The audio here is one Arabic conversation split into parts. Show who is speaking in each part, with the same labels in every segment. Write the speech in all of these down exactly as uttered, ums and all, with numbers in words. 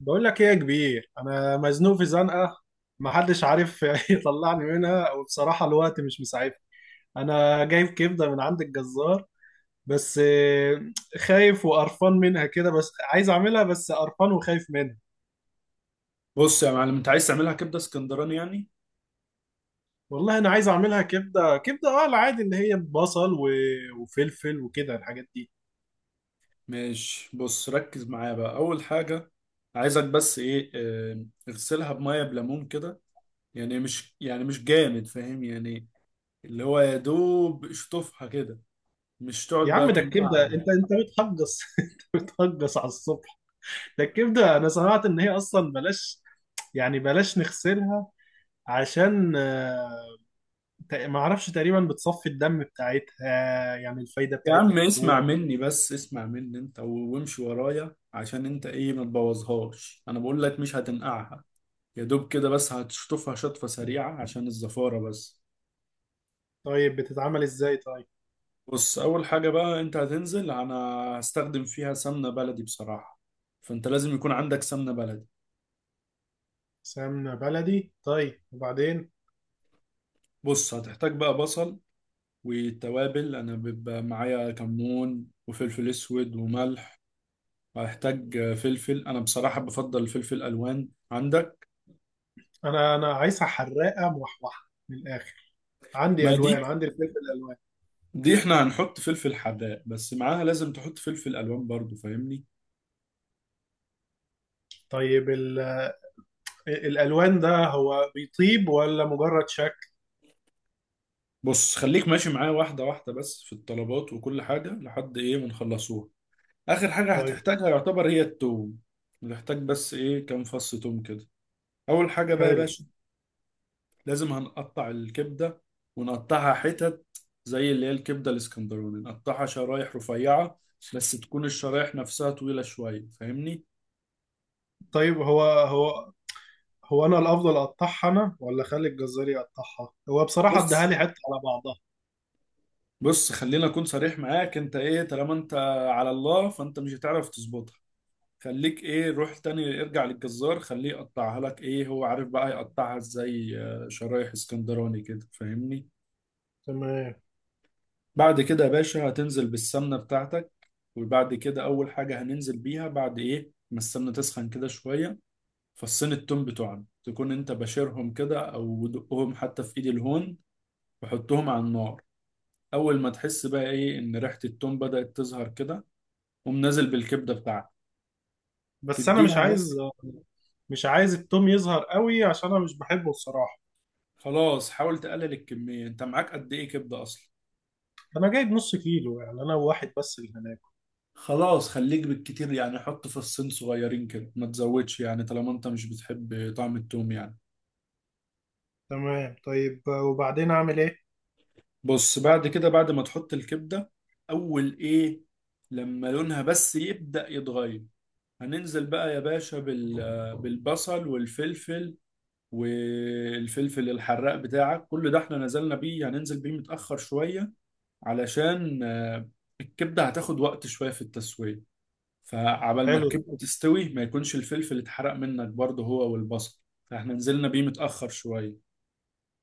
Speaker 1: بقول لك ايه يا كبير، انا مزنوق في زنقه، محدش عارف يطلعني منها. وبصراحه الوقت مش مساعدني. انا جايب كبده من عند الجزار، بس آه، خايف وقرفان منها كده، بس عايز اعملها، بس قرفان وخايف منها.
Speaker 2: بص يا معلم، انت عايز تعملها كبده اسكندراني يعني.
Speaker 1: والله انا عايز اعملها كبده، كبده اه العادي اللي هي بصل و- وفلفل وكده الحاجات دي.
Speaker 2: ماشي، بص ركز معايا بقى. اول حاجه، عايزك بس ايه، اه، اغسلها بميه بليمون كده. يعني مش يعني مش جامد فاهم يعني، اللي هو يا دوب اشطفها كده. مش تقعد
Speaker 1: يا
Speaker 2: بقى
Speaker 1: عم ده الكبده،
Speaker 2: تنقعها.
Speaker 1: انت انت بتهجص. انت بتهجص على الصبح. ده الكبده انا سمعت ان هي اصلا بلاش، يعني بلاش نغسلها، عشان آه، تق- ما اعرفش، تقريبا بتصفي الدم بتاعتها، يعني الفايدة
Speaker 2: يا
Speaker 1: بتاعتها
Speaker 2: عم
Speaker 1: بتروح.
Speaker 2: اسمع مني، بس اسمع مني انت و- وامشي ورايا عشان انت ايه ما تبوظهاش. انا بقول لك مش هتنقعها، يا دوب كده، بس هتشطفها شطفه سريعه عشان الزفاره بس.
Speaker 1: طيب بتتعمل ازاي طيب؟
Speaker 2: بص، اول حاجه بقى انت هتنزل، انا هستخدم فيها سمنه بلدي بصراحه. فانت لازم يكون عندك سمنه بلدي.
Speaker 1: سمنة بلدي، طيب وبعدين؟
Speaker 2: بص هتحتاج بقى بصل، والتوابل انا بيبقى معايا كمون وفلفل اسود وملح. وهحتاج فلفل، انا بصراحه بفضل فلفل الوان عندك.
Speaker 1: انا انا عايزها حراقة موحوحة من الاخر، عندي
Speaker 2: ما دي
Speaker 1: الوان، عندي الفلفل الالوان.
Speaker 2: دي احنا هنحط فلفل حراق بس، معاها لازم تحط فلفل الوان برضو، فاهمني.
Speaker 1: طيب ال… الالوان ده هو بيطيب ولا مجرد شكل؟
Speaker 2: بص خليك ماشي معايا واحده واحده بس في الطلبات وكل حاجه، لحد ايه ما نخلصوها. اخر حاجه
Speaker 1: طيب.
Speaker 2: هتحتاجها يعتبر هي التوم. نحتاج بس ايه، كام فص توم كده. اول حاجه بقى يا
Speaker 1: حلو.
Speaker 2: باشا، لازم هنقطع الكبده ونقطعها حتت، زي اللي هي الكبده الاسكندراني نقطعها شرايح رفيعه، بس تكون الشرايح نفسها طويله شويه فاهمني.
Speaker 1: طيب هو هو هو انا الافضل اقطعها انا، ولا اخلي الجزار يقطعها هو؟ بصراحة اديها
Speaker 2: بص
Speaker 1: لي حتة على بعضها.
Speaker 2: بص خلينا اكون صريح معاك. انت ايه، طالما انت على الله، فانت مش هتعرف تظبطها. خليك ايه، روح تاني ارجع للجزار، خليه يقطعها لك، ايه هو عارف بقى يقطعها ازاي، آه، شرايح اسكندراني كده فاهمني.
Speaker 1: تمام.
Speaker 2: بعد كده يا باشا هتنزل بالسمنة بتاعتك. وبعد كده، أول حاجة هننزل بيها بعد إيه ما السمنة تسخن كده شوية، فصين التوم بتوعنا، تكون أنت بشرهم كده أو دقهم حتى في إيد الهون وحطهم على النار. أول ما تحس بقى إيه إن ريحة التوم بدأت تظهر كده، قوم نازل بالكبدة بتاعتك
Speaker 1: بس انا مش
Speaker 2: تديها
Speaker 1: عايز،
Speaker 2: بس.
Speaker 1: مش عايز التوم يظهر قوي، عشان انا مش بحبه الصراحه.
Speaker 2: خلاص، حاول تقلل الكمية. أنت معاك قد إيه كبدة أصلا؟
Speaker 1: انا جايب نص كيلو، يعني انا وواحد بس اللي هناكل.
Speaker 2: خلاص، خليك بالكتير يعني، حط فصين صغيرين كده، ما تزودش يعني طالما أنت مش بتحب طعم التوم يعني.
Speaker 1: تمام، طيب وبعدين اعمل ايه؟
Speaker 2: بص بعد كده، بعد ما تحط الكبدة، أول إيه، لما لونها بس يبدأ يتغير، هننزل بقى يا باشا بال- بالبصل والفلفل، والفلفل الحراق بتاعك. كل ده احنا نزلنا بيه، هننزل بيه متأخر شوية علشان آه، الكبدة هتاخد وقت شوية في التسوية. فعبال ما
Speaker 1: حلو.
Speaker 2: الكبدة تستوي، ما يكونش الفلفل اتحرق منك برضه هو والبصل، فاحنا نزلنا بيه متأخر شوية.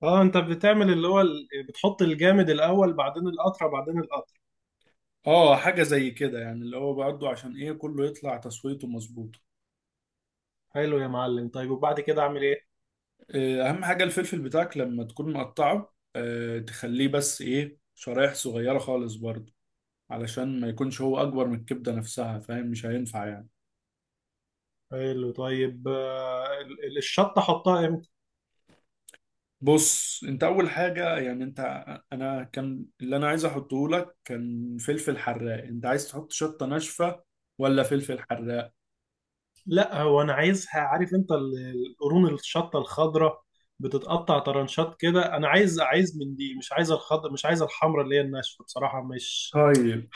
Speaker 1: اه انت بتعمل اللي هو ال- بتحط الجامد الاول، بعدين القطره، بعدين القطره.
Speaker 2: اه، حاجة زي كده يعني، اللي هو برضه عشان ايه كله يطلع تسويته مظبوط.
Speaker 1: حلو يا معلم، طيب وبعد كده اعمل ايه؟
Speaker 2: آه، اهم حاجه، الفلفل بتاعك لما تكون مقطعه آه، تخليه بس ايه شرايح صغيره خالص برضه، علشان ما يكونش هو اكبر من الكبده نفسها، فاهم؟ مش هينفع يعني.
Speaker 1: حلو، طيب آه، ال- ال- الشطه احطها امتى؟
Speaker 2: بص انت اول حاجه، يعني انت، انا كان اللي انا عايز احطه لك كان فلفل حراق. انت عايز تحط شطه ناشفه ولا فلفل حراق؟
Speaker 1: لا، هو انا عايزها، عارف انت ال- القرون الشطه الخضراء، بتتقطع طرنشات كده، انا عايز عايز من دي، مش عايز الخضر، مش عايز الحمراء اللي هي الناشفه، بصراحه مش
Speaker 2: طيب،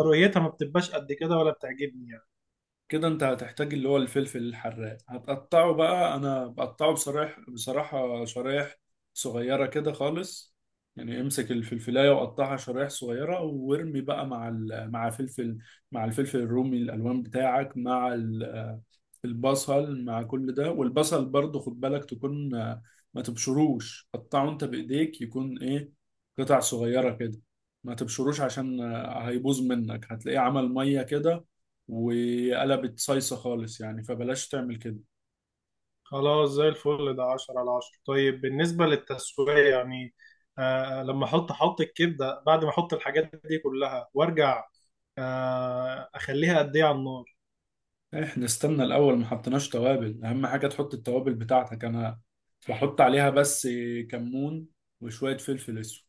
Speaker 1: رؤيتها ما بتبقاش قد كده ولا بتعجبني يعني.
Speaker 2: كده انت هتحتاج اللي هو الفلفل الحراق، هتقطعه بقى. انا بقطعه بصراحة بصراحة شرايح صغيرة كده خالص. يعني امسك الفلفلاية وقطعها شرايح صغيرة وارمي بقى مع ال... مع فلفل، مع الفلفل الرومي الالوان بتاعك، مع ال... البصل، مع كل ده. والبصل برضو خد بالك، تكون آه، ما تبشروش، قطعه انت بايديك، يكون ايه قطع صغيرة كده. ما تبشروش عشان آه، هيبوظ منك، هتلاقيه عمل مية كده وقلبت صيصة خالص يعني، فبلاش تعمل كده.
Speaker 1: خلاص زي الفل، ده عشرة على عشرة. طيب بالنسبه للتسويه يعني، آه لما احط، احط الكبده بعد ما احط الحاجات دي كلها وارجع، آه اخليها قد ايه على النار؟
Speaker 2: احنا استنى الاول، ما حطيناش توابل. اهم حاجة تحط التوابل بتاعتك. انا بحط عليها بس كمون وشوية فلفل اسود،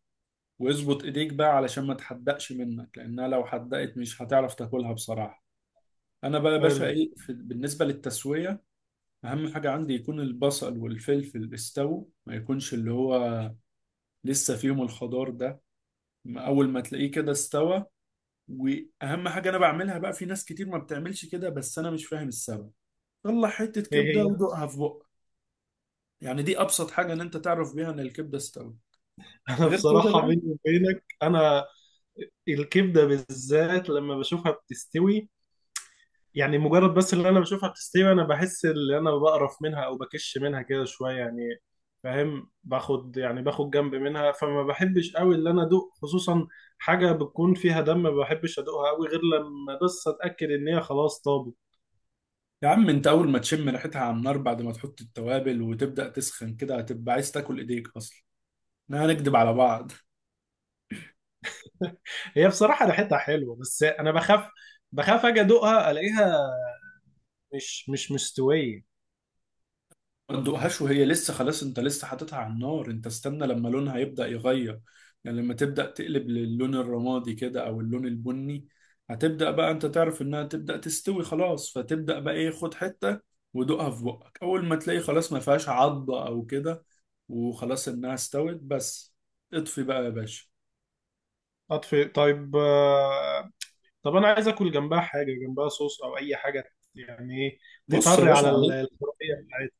Speaker 2: واظبط ايديك بقى علشان ما تحدقش منك، لانها لو حدقت مش هتعرف تاكلها بصراحة. انا بقى يا باشا
Speaker 1: حلو.
Speaker 2: ايه في بالنسبة للتسوية، اهم حاجة عندي يكون البصل والفلفل استووا، ما يكونش اللي هو لسه فيهم الخضار ده. اول ما تلاقيه كده استوى. واهم حاجه انا بعملها بقى، في ناس كتير ما بتعملش كده بس انا مش فاهم السبب، طلع حته
Speaker 1: ايه
Speaker 2: كبده
Speaker 1: هي؟
Speaker 2: ودوقها في بقك. يعني دي ابسط حاجه ان انت تعرف بيها ان الكبده استوت،
Speaker 1: انا
Speaker 2: غير كده
Speaker 1: بصراحه
Speaker 2: بقى.
Speaker 1: بيني وبينك، انا الكبده بالذات لما بشوفها بتستوي، يعني مجرد بس اللي انا بشوفها بتستوي، انا بحس ان انا بقرف منها او بكش منها كده شويه يعني، فاهم؟ باخد يعني باخد جنب منها، فما بحبش قوي اللي انا ادوق، خصوصا حاجه بتكون فيها دم ما بحبش ادوقها قوي غير لما بس اتاكد ان هي خلاص طابت.
Speaker 2: يا عم انت، اول ما تشم ريحتها على النار بعد ما تحط التوابل وتبدا تسخن كده، هتبقى عايز تاكل ايديك اصلا، احنا هنكدب على بعض.
Speaker 1: هي بصراحه ريحتها حلوه، بس انا بخاف، بخاف اجي ادوقها الاقيها مش مش مستويه.
Speaker 2: ما تدوقهاش وهي لسه خلاص، انت لسه حاططها على النار. انت استنى لما لونها يبدأ يغير، يعني لما تبدأ تقلب للون الرمادي كده او اللون البني، هتبدأ بقى انت تعرف انها تبدأ تستوي خلاص. فتبدأ بقى ايه، خد حتة ودوقها في بقك. اول ما تلاقي خلاص، ما فيهاش عضة او كده، وخلاص انها استوت بس، اطفي بقى يا باشا.
Speaker 1: اطفي؟ طيب آه، طب انا عايز اكل جنبها حاجه، جنبها صوص او اي حاجه يعني، ايه
Speaker 2: بص يا
Speaker 1: تطري
Speaker 2: باشا،
Speaker 1: على ال-
Speaker 2: عليك،
Speaker 1: الحريه بتاعتها؟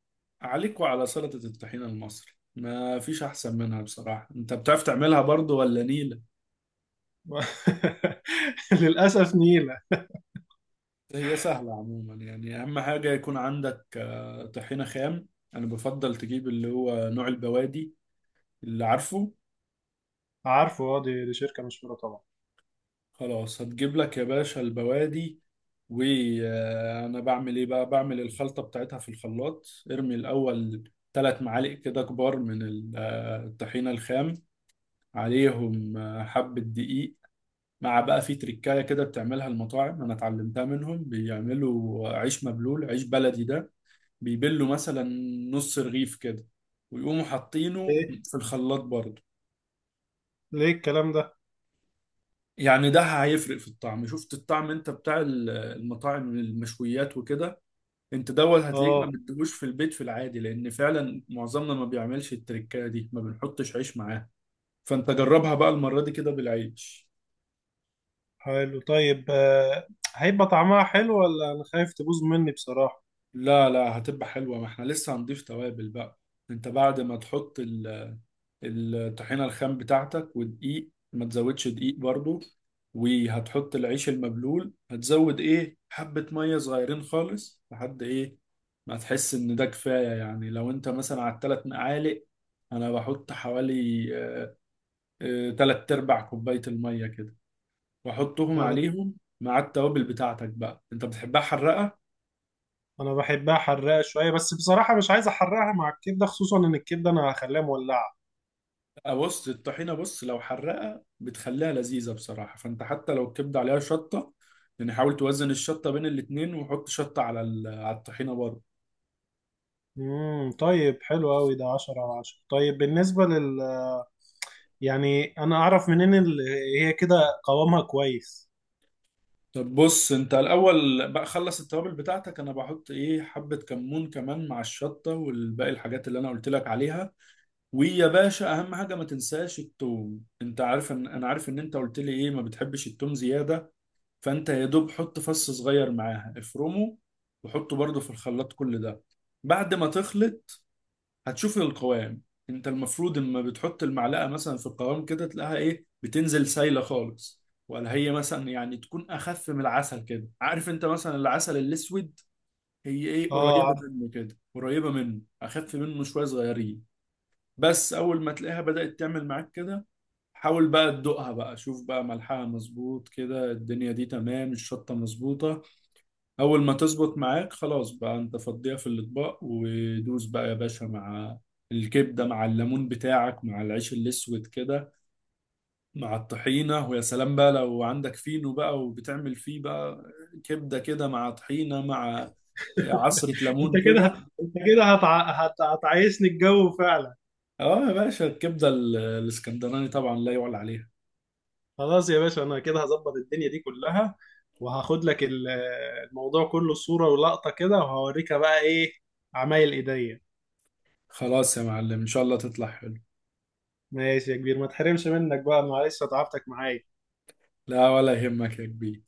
Speaker 2: عليك وعلى سلطة الطحينة المصري، ما فيش احسن منها بصراحة. انت بتعرف تعملها برضو ولا نيلة؟
Speaker 1: للاسف نيله.
Speaker 2: هي سهلة عموما يعني، أهم حاجة يكون عندك آه، طحينة خام. أنا بفضل تجيب اللي هو نوع البوادي، اللي عارفه.
Speaker 1: عارفه، اه، دي، دي شركه مشهوره طبعا.
Speaker 2: خلاص، هتجيب لك يا باشا البوادي، وأنا بعمل إيه بقى؟ بعمل الخلطة بتاعتها في الخلاط. ارمي الأول ثلاث معالق كده كبار من ال- آه، الطحينة الخام، عليهم آه، حبة دقيق، مع بقى في تركاية كده بتعملها المطاعم، أنا اتعلمتها منهم. بيعملوا عيش مبلول، عيش بلدي ده، بيبلوا مثلا نص رغيف كده ويقوموا حاطينه
Speaker 1: ليه؟
Speaker 2: في الخلاط برضه.
Speaker 1: ليه الكلام ده؟
Speaker 2: يعني ده هيفرق في الطعم. شفت الطعم انت بتاع ال- المطاعم المشويات وكده، انت دوت هتلاقيك ما
Speaker 1: اه
Speaker 2: بتدوش في البيت في العادي، لان فعلا معظمنا ما بيعملش التركايه دي، ما بنحطش عيش معاه. فانت جربها بقى المرة دي كده بالعيش.
Speaker 1: حلو، طيب آه، هيبقى طعمها حلو ولا انا خايف تبوظ مني بصراحه؟
Speaker 2: لا، لا، هتبقى حلوة، ما احنا لسه هنضيف توابل بقى. انت بعد ما تحط ال- الطحينة الخام بتاعتك ودقيق، ما تزودش دقيق برضو، وهتحط العيش المبلول، هتزود ايه حبة مية صغيرين خالص، لحد ايه ما تحس ان ده كفاية يعني. لو انت مثلا على التلات مقالق، انا بحط حوالي آه، آه، تلات ارباع كوباية المية كده، واحطهم
Speaker 1: لا لا،
Speaker 2: عليهم مع التوابل بتاعتك بقى. انت بتحبها حراقة؟
Speaker 1: انا بحبها حراقه شويه، بس بصراحه مش عايز احرقها مع الكبده، خصوصا ان الكبده انا هخليها مولعه.
Speaker 2: آه، بص الطحينة، بص لو حرقة بتخليها لذيذة بصراحة، فانت حتى لو الكبدة عليها شطة، يعني حاول توزن الشطة بين الاتنين وحط شطة على ال- على الطحينة برضه.
Speaker 1: امم، طيب حلو قوي، ده عشرة على عشرة. طيب بالنسبه لل… يعني انا اعرف منين ال- هي كده قوامها كويس؟
Speaker 2: طب بص، انت الاول بقى خلص التوابل بتاعتك. انا بحط ايه، حبة كمون كمان مع الشطة والباقي الحاجات اللي انا قلت لك عليها. ويا باشا، اهم حاجة ما تنساش التوم. انت عارف، ان انا عارف ان انت قلت لي ايه ما بتحبش التوم زيادة، فانت يا دوب حط فص صغير معاها، افرمه وحطه برضه في الخلاط كل ده. بعد ما تخلط هتشوف القوام. انت المفروض اما بتحط المعلقه مثلا في القوام كده، تلاقيها ايه بتنزل سايله خالص، ولا هي مثلا يعني تكون اخف من العسل كده. عارف انت مثلا العسل الاسود، هي ايه
Speaker 1: اه
Speaker 2: قريبه
Speaker 1: عارف.
Speaker 2: منه كده، قريبه منه اخف منه شويه صغيرين. بس اول ما تلاقيها بدأت تعمل معاك كده، حاول بقى تدوقها بقى، شوف بقى ملحها مظبوط كده، الدنيا دي تمام، الشطة مظبوطة. اول ما تظبط معاك خلاص بقى، انت فضيها في الاطباق ودوس بقى يا باشا، مع الكبده، مع الليمون بتاعك، مع العيش الاسود كده، مع الطحينه. ويا سلام بقى لو عندك فينو بقى وبتعمل فيه بقى كبده كده مع طحينه مع عصره
Speaker 1: انت
Speaker 2: ليمون كده.
Speaker 1: كده انت كده هتع... هت... هتعيشني الجو فعلا.
Speaker 2: اه يا باشا، الكبده ال- الاسكندراني طبعا لا يعلى عليها.
Speaker 1: خلاص يا باشا، انا كده هظبط الدنيا دي كلها، وهاخد لك ال- الموضوع كله صورة ولقطة كده، وهوريك بقى ايه عمايل ايديا.
Speaker 2: خلاص يا معلم، ان شاء الله تطلع حلو.
Speaker 1: ماشي يا كبير، ما تحرمش منك بقى، معلش تعبتك معايا.
Speaker 2: لا، ولا يهمك يا كبير.